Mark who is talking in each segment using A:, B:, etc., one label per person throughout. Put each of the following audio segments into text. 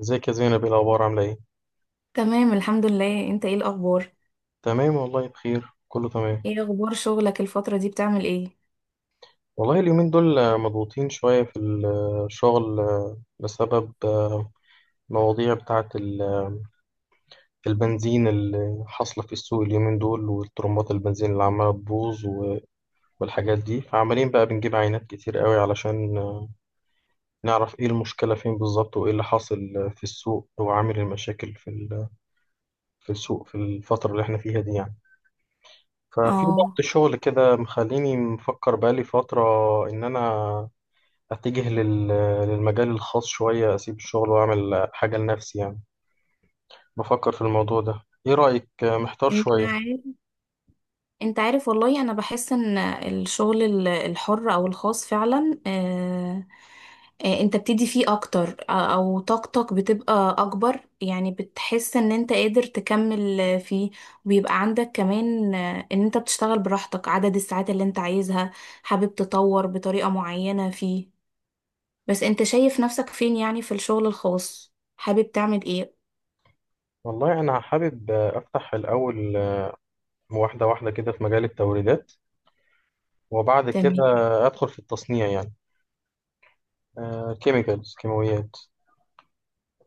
A: ازيك يا زينب؟ ايه الاخبار؟ عامله ايه؟
B: تمام الحمد لله. انت ايه الاخبار؟
A: تمام والله، بخير كله تمام.
B: ايه اخبار شغلك الفترة دي؟ بتعمل ايه؟
A: والله اليومين دول مضغوطين شويه في الشغل، بسبب مواضيع بتاعه البنزين اللي حاصله في السوق اليومين دول، والطرمبات البنزين اللي عماله تبوظ والحاجات دي. فعمالين بقى بنجيب عينات كتير قوي علشان نعرف ايه المشكله فين بالظبط وايه اللي حاصل في السوق وعامل المشاكل في في السوق في الفتره اللي احنا فيها دي يعني. ففي ضغط
B: اه.
A: شغل كده مخليني مفكر بقالي فترة إن أنا أتجه للمجال الخاص شوية، أسيب الشغل وأعمل حاجة لنفسي يعني. بفكر في الموضوع ده، إيه رأيك؟ محتار
B: انت
A: شوية.
B: عارف، انت عارف والله انا بحس ان الشغل الحر او الخاص فعلا، انت بتدي فيه اكتر، او طاقتك بتبقى اكبر، يعني بتحس ان انت قادر تكمل فيه. وبيبقى عندك كمان ان انت بتشتغل براحتك عدد الساعات اللي انت عايزها، حابب تطور بطريقة معينة فيه. بس انت شايف نفسك فين يعني في الشغل الخاص؟ حابب تعمل ايه؟
A: والله أنا حابب أفتح الأول واحدة واحدة كده في مجال التوريدات، وبعد كده
B: تمام.
A: أدخل في التصنيع يعني، كيميكالز كيماويات.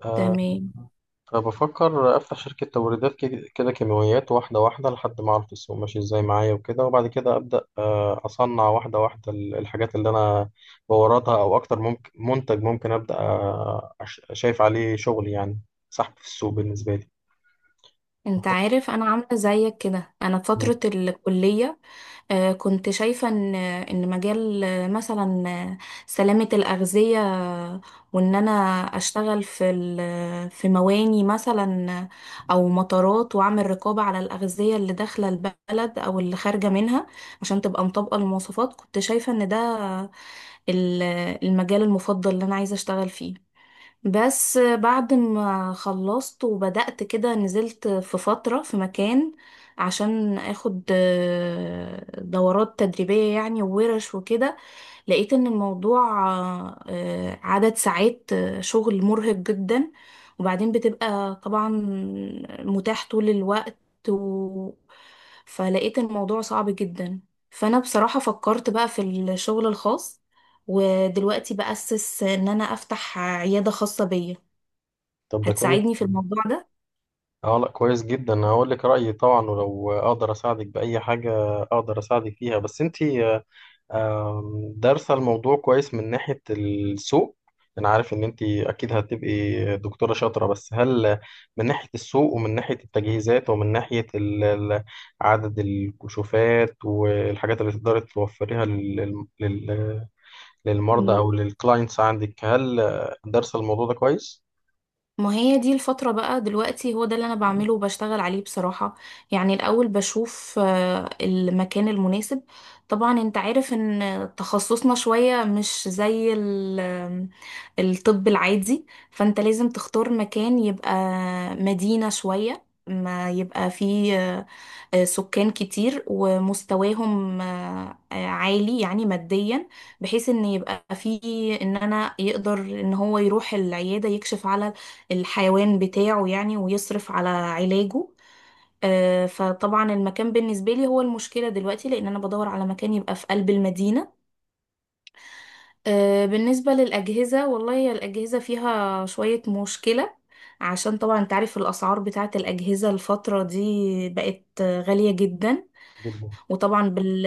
A: آه،
B: تمام.
A: فبفكر أفتح شركة توريدات كده كده كيماويات واحدة واحدة لحد ما أعرف السوق ماشي إزاي معايا وكده، وبعد كده أبدأ أصنع واحدة واحدة الحاجات اللي أنا بوردها، أو أكتر ممكن منتج ممكن أبدأ شايف عليه شغل يعني، سحب في السوق بالنسبة لي.
B: انت
A: بفكر-
B: عارف انا عامله زيك كده. انا في
A: مم.
B: فتره الكليه كنت شايفه ان مجال مثلا سلامه الاغذيه، وان انا اشتغل في في مواني مثلا او مطارات، واعمل رقابه على الاغذيه اللي داخله البلد او اللي خارجه منها عشان تبقى مطابقه للمواصفات. كنت شايفه ان ده ال- المجال المفضل اللي انا عايزه اشتغل فيه. بس بعد ما خلصت وبدأت كده، نزلت في فترة في مكان عشان اخد دورات تدريبية يعني وورش وكده. لقيت ان الموضوع عدد ساعات شغل مرهق جدا، وبعدين بتبقى طبعا متاح طول الوقت و... فلقيت الموضوع صعب جدا. فانا بصراحة فكرت بقى في الشغل الخاص، ودلوقتي بأسس ان انا افتح عيادة خاصة بيا.
A: طب ده كويس.
B: هتساعدني في الموضوع
A: اه لا كويس جدا، هقول لك رأيي طبعا، ولو اقدر اساعدك بأي حاجة اقدر اساعدك فيها. بس انتي آه، آم، دارسة الموضوع كويس من ناحية السوق؟ أنا عارف إن أنت أكيد هتبقي دكتورة شاطرة، بس هل من ناحية السوق ومن ناحية التجهيزات ومن ناحية عدد الكشوفات والحاجات اللي تقدري توفريها للمرضى
B: ده؟
A: أو للكلاينتس عندك، هل دارسة الموضوع ده كويس؟
B: ما هي دي الفترة بقى دلوقتي، هو ده اللي أنا بعمله وبشتغل عليه بصراحة. يعني الأول بشوف المكان المناسب. طبعا أنت عارف إن تخصصنا شوية مش زي الطب العادي، فأنت لازم تختار مكان يبقى مدينة شوية، ما يبقى فيه سكان كتير ومستواهم عالي يعني ماديا، بحيث ان يبقى فيه ان انا يقدر ان هو يروح العيادة يكشف على الحيوان بتاعه يعني، ويصرف على علاجه. فطبعا المكان بالنسبة لي هو المشكلة دلوقتي، لأن أنا بدور على مكان يبقى في قلب المدينة. بالنسبة للأجهزة، والله هي الأجهزة فيها شوية مشكلة، عشان طبعا انت عارف الأسعار بتاعت الأجهزة الفترة دي بقت غالية جدا.
A: جدا.
B: وطبعا بال...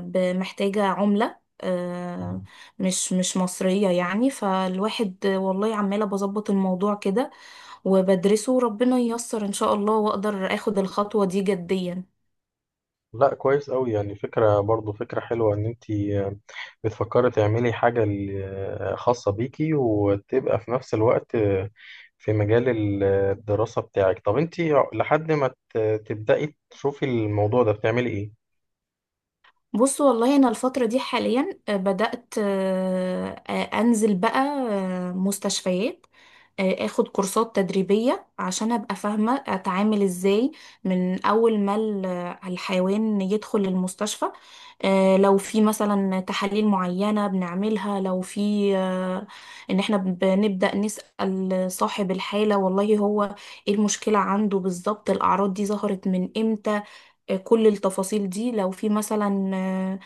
B: ب- محتاجة عملة مش مصرية يعني. فالواحد والله عمالة بظبط الموضوع كده وبدرسه، وربنا ييسر ان شاء الله واقدر اخد الخطوة دي جديا.
A: لا كويس قوي، يعني فكرة برضو، فكرة حلوة ان انتي بتفكري تعملي حاجة خاصة بيكي، وتبقى في نفس الوقت في مجال الدراسة بتاعك. طب انتي لحد ما تبدأي تشوفي الموضوع ده بتعملي ايه؟
B: بص والله انا الفترة دي حاليا بدأت انزل بقى مستشفيات، اخد كورسات تدريبية عشان ابقى فاهمة اتعامل ازاي من اول ما الحيوان يدخل المستشفى. لو في مثلا تحاليل معينة بنعملها، لو في ان احنا بنبدأ نسأل صاحب الحالة والله هو ايه المشكلة عنده بالظبط، الاعراض دي ظهرت من امتى. كل التفاصيل دي. لو في مثلا آه،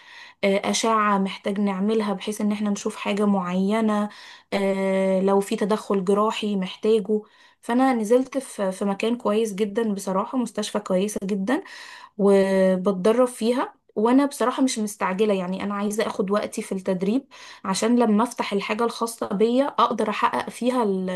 B: آه، أشعة محتاج نعملها بحيث إن احنا نشوف حاجة معينة، لو في تدخل جراحي محتاجه. فأنا نزلت في مكان كويس جدا بصراحة، مستشفى كويسة جدا، وبتدرب فيها. وانا بصراحة مش مستعجلة، يعني انا عايزة اخد وقتي في التدريب عشان لما افتح الحاجة الخاصة بيا اقدر احقق فيها ال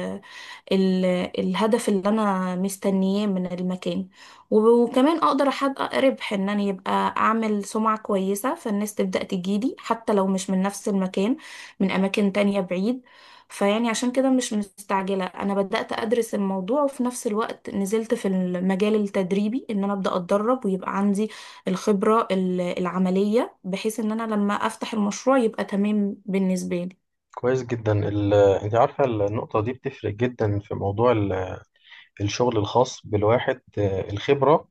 B: ال الهدف اللي انا مستنياه من المكان. وكمان اقدر احقق ربح، ان انا يبقى اعمل سمعة كويسة فالناس تبدأ تجيلي حتى لو مش من نفس المكان، من اماكن تانية بعيد. فيعني عشان كده مش مستعجلة. أنا بدأت أدرس الموضوع، وفي نفس الوقت نزلت في المجال التدريبي إن أنا أبدأ أتدرب ويبقى عندي الخبرة العملية، بحيث إن أنا لما أفتح المشروع يبقى تمام بالنسبة لي.
A: كويس جدا. انتي عارفة النقطة دي بتفرق جدا في موضوع الشغل الخاص بالواحد، الخبرة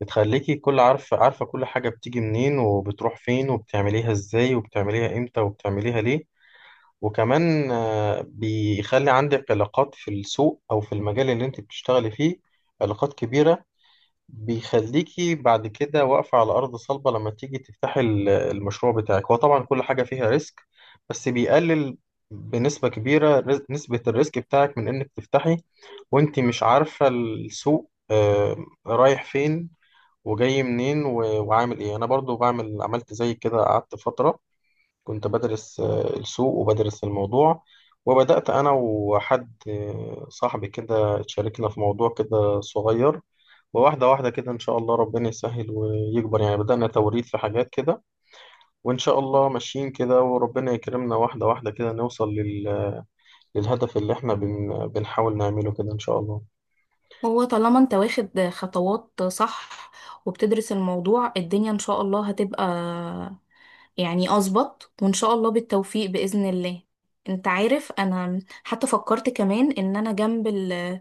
A: بتخليكي كل عارفة عارفة كل حاجة بتيجي منين وبتروح فين وبتعمليها ازاي وبتعمليها امتى وبتعمليها ليه. وكمان بيخلي عندك علاقات في السوق أو في المجال اللي أنت بتشتغلي فيه، علاقات كبيرة. بيخليكي بعد كده واقفة على أرض صلبة لما تيجي تفتحي المشروع بتاعك. هو طبعا كل حاجة فيها ريسك، بس بيقلل بنسبة كبيرة نسبة الريسك بتاعك من إنك تفتحي وأنت مش عارفة السوق رايح فين وجاي منين وعامل إيه. أنا برضو بعمل، عملت زي كده، قعدت فترة كنت بدرس السوق وبدرس الموضوع، وبدأت أنا وحد صاحبي كده اتشاركنا في موضوع كده صغير، وواحدة واحدة كده إن شاء الله ربنا يسهل ويكبر يعني. بدأنا توريد في حاجات كده، وإن شاء الله ماشيين كده وربنا يكرمنا، واحدة واحدة كده نوصل للهدف اللي إحنا بنحاول نعمله كده إن شاء الله.
B: هو طالما أنت واخد خطوات صح وبتدرس الموضوع، الدنيا إن شاء الله هتبقى يعني أظبط، وإن شاء الله بالتوفيق بإذن الله. أنت عارف أنا حتى فكرت كمان إن أنا جنب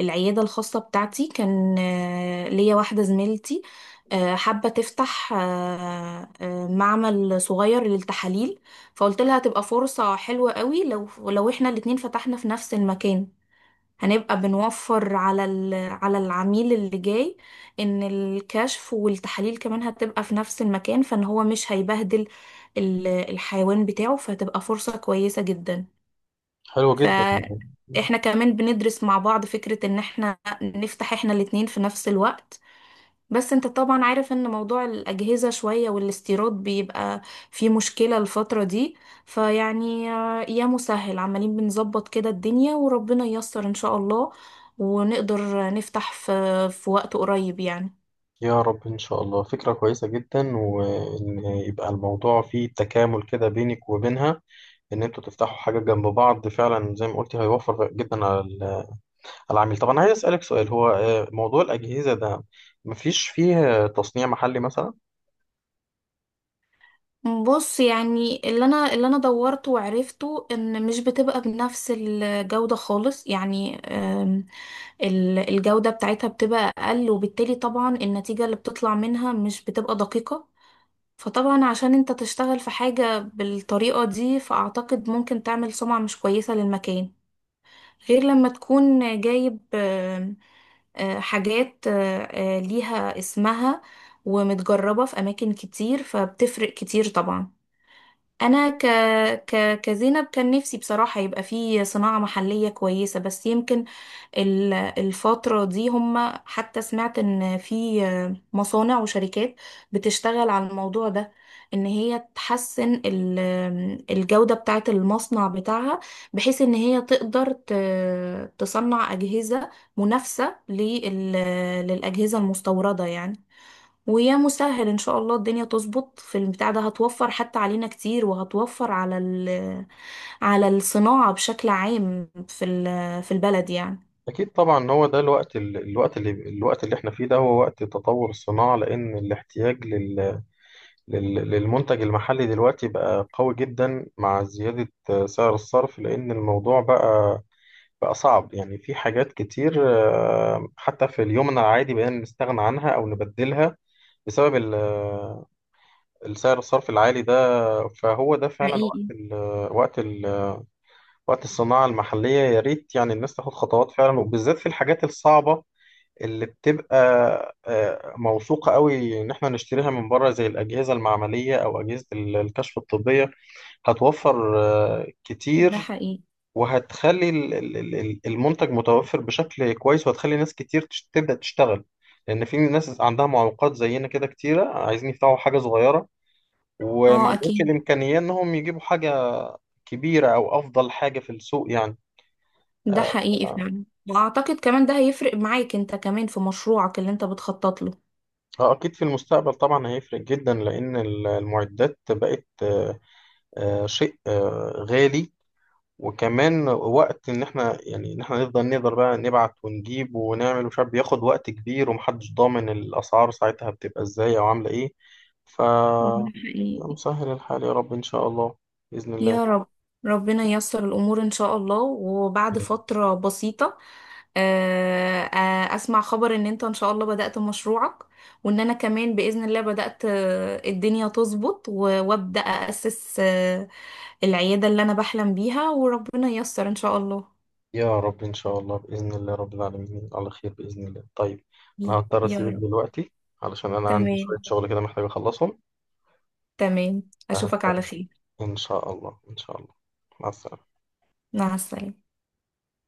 B: العيادة الخاصة بتاعتي كان ليا واحدة زميلتي حابة تفتح معمل صغير للتحاليل. فقلت لها هتبقى فرصة حلوة قوي لو احنا الاتنين فتحنا في نفس المكان، هنبقى بنوفر على على العميل اللي جاي، ان الكشف والتحاليل كمان هتبقى في نفس المكان فان هو مش هيبهدل الحيوان بتاعه، فهتبقى فرصة كويسة جدا.
A: حلو جدا.
B: فاحنا كمان بندرس مع بعض فكرة ان احنا نفتح احنا الاتنين في نفس الوقت. بس انت طبعا عارف ان موضوع الاجهزة شوية والاستيراد بيبقى فيه مشكلة الفترة دي. فيعني يا مسهل، عمالين بنظبط كده الدنيا وربنا ييسر ان شاء الله ونقدر نفتح في وقت قريب يعني.
A: يا رب إن شاء الله، فكرة كويسة جدا، وإن يبقى الموضوع فيه تكامل كده بينك وبينها ان انتوا تفتحوا حاجه جنب بعض. فعلا زي ما قلتي هيوفر جدا على على العميل. طب انا عايز اسالك سؤال، هو موضوع الاجهزه ده مفيش فيه تصنيع محلي مثلا؟
B: بص يعني اللي انا دورته وعرفته ان مش بتبقى بنفس الجودة خالص، يعني الجودة بتاعتها بتبقى اقل، وبالتالي طبعا النتيجة اللي بتطلع منها مش بتبقى دقيقة. فطبعا عشان انت تشتغل في حاجة بالطريقة دي، فاعتقد ممكن تعمل سمعة مش كويسة للمكان، غير لما تكون جايب آم، آه، حاجات ليها اسمها ومتجربة في أماكن كتير، فبتفرق كتير طبعا. انا كزينب كان نفسي بصراحة يبقى في صناعة محلية كويسة، بس يمكن الفترة دي هم، حتى سمعت ان في مصانع وشركات بتشتغل على الموضوع ده، ان هي تحسن الجودة بتاعة المصنع بتاعها، بحيث ان هي تقدر تصنع أجهزة منافسة للأجهزة المستوردة يعني. ويا مسهل ان شاء الله الدنيا تظبط في البتاع ده، هتوفر حتى علينا كتير وهتوفر على على الصناعة بشكل عام في في البلد يعني.
A: اكيد طبعا. هو ده الوقت، الوقت اللي احنا فيه ده هو وقت تطور الصناعه، لان الاحتياج للمنتج المحلي دلوقتي بقى قوي جدا، مع زياده سعر الصرف. لان الموضوع بقى صعب يعني. في حاجات كتير حتى في اليوم العادي بقينا نستغنى عنها او نبدلها بسبب السعر الصرفي العالي ده. فهو ده فعلا
B: حقيقي.
A: وقت ال وقت الصناعة المحلية. يا ريت يعني الناس تاخد خطوات فعلا، وبالذات في الحاجات الصعبة اللي بتبقى موثوقة قوي ان احنا نشتريها من بره، زي الأجهزة المعملية او أجهزة الكشف الطبية. هتوفر
B: ده
A: كتير،
B: حقيقي.
A: وهتخلي المنتج متوفر بشكل كويس، وهتخلي ناس كتير تبدأ تشتغل، لأن في ناس عندها معوقات زينا كده كتيرة عايزين يفتحوا حاجة صغيرة وما
B: اه
A: عندهمش
B: اكيد.
A: الإمكانية إنهم يجيبوا حاجة كبيرة أو أفضل حاجة في السوق يعني.
B: ده
A: آه،
B: حقيقي فعلا. واعتقد كمان ده هيفرق معاك انت كمان في مشروعك اللي انت بتخطط له.
A: أكيد في المستقبل طبعا هيفرق جدا، لأن المعدات بقت شيء غالي، وكمان وقت إن إحنا يعني إن إحنا نفضل نقدر بقى نبعت ونجيب ونعمل ومش عارف، بياخد وقت كبير ومحدش ضامن الأسعار ساعتها بتبقى إزاي أو عاملة إيه. ف
B: ده حقيقي.
A: مسهل الحال يا رب إن شاء الله، بإذن الله.
B: يا رب. ربنا ييسر الأمور إن شاء الله، وبعد فترة بسيطة أسمع خبر إن أنت إن شاء الله بدأت مشروعك، وإن أنا كمان بإذن الله بدأت الدنيا تظبط وأبدأ أأسس العيادة اللي أنا بحلم بيها، وربنا ييسر إن شاء الله.
A: يا رب إن شاء الله، بإذن الله رب العالمين على خير بإذن الله. طيب، أنا هضطر
B: يا
A: أسيبك
B: رب.
A: دلوقتي علشان أنا عندي شوية
B: تمام.
A: شغل كده محتاج أخلصهم،
B: تمام. أشوفك على
A: فهستأذن.
B: خير.
A: إن شاء الله إن شاء الله. مع السلامة.
B: مع السلامة.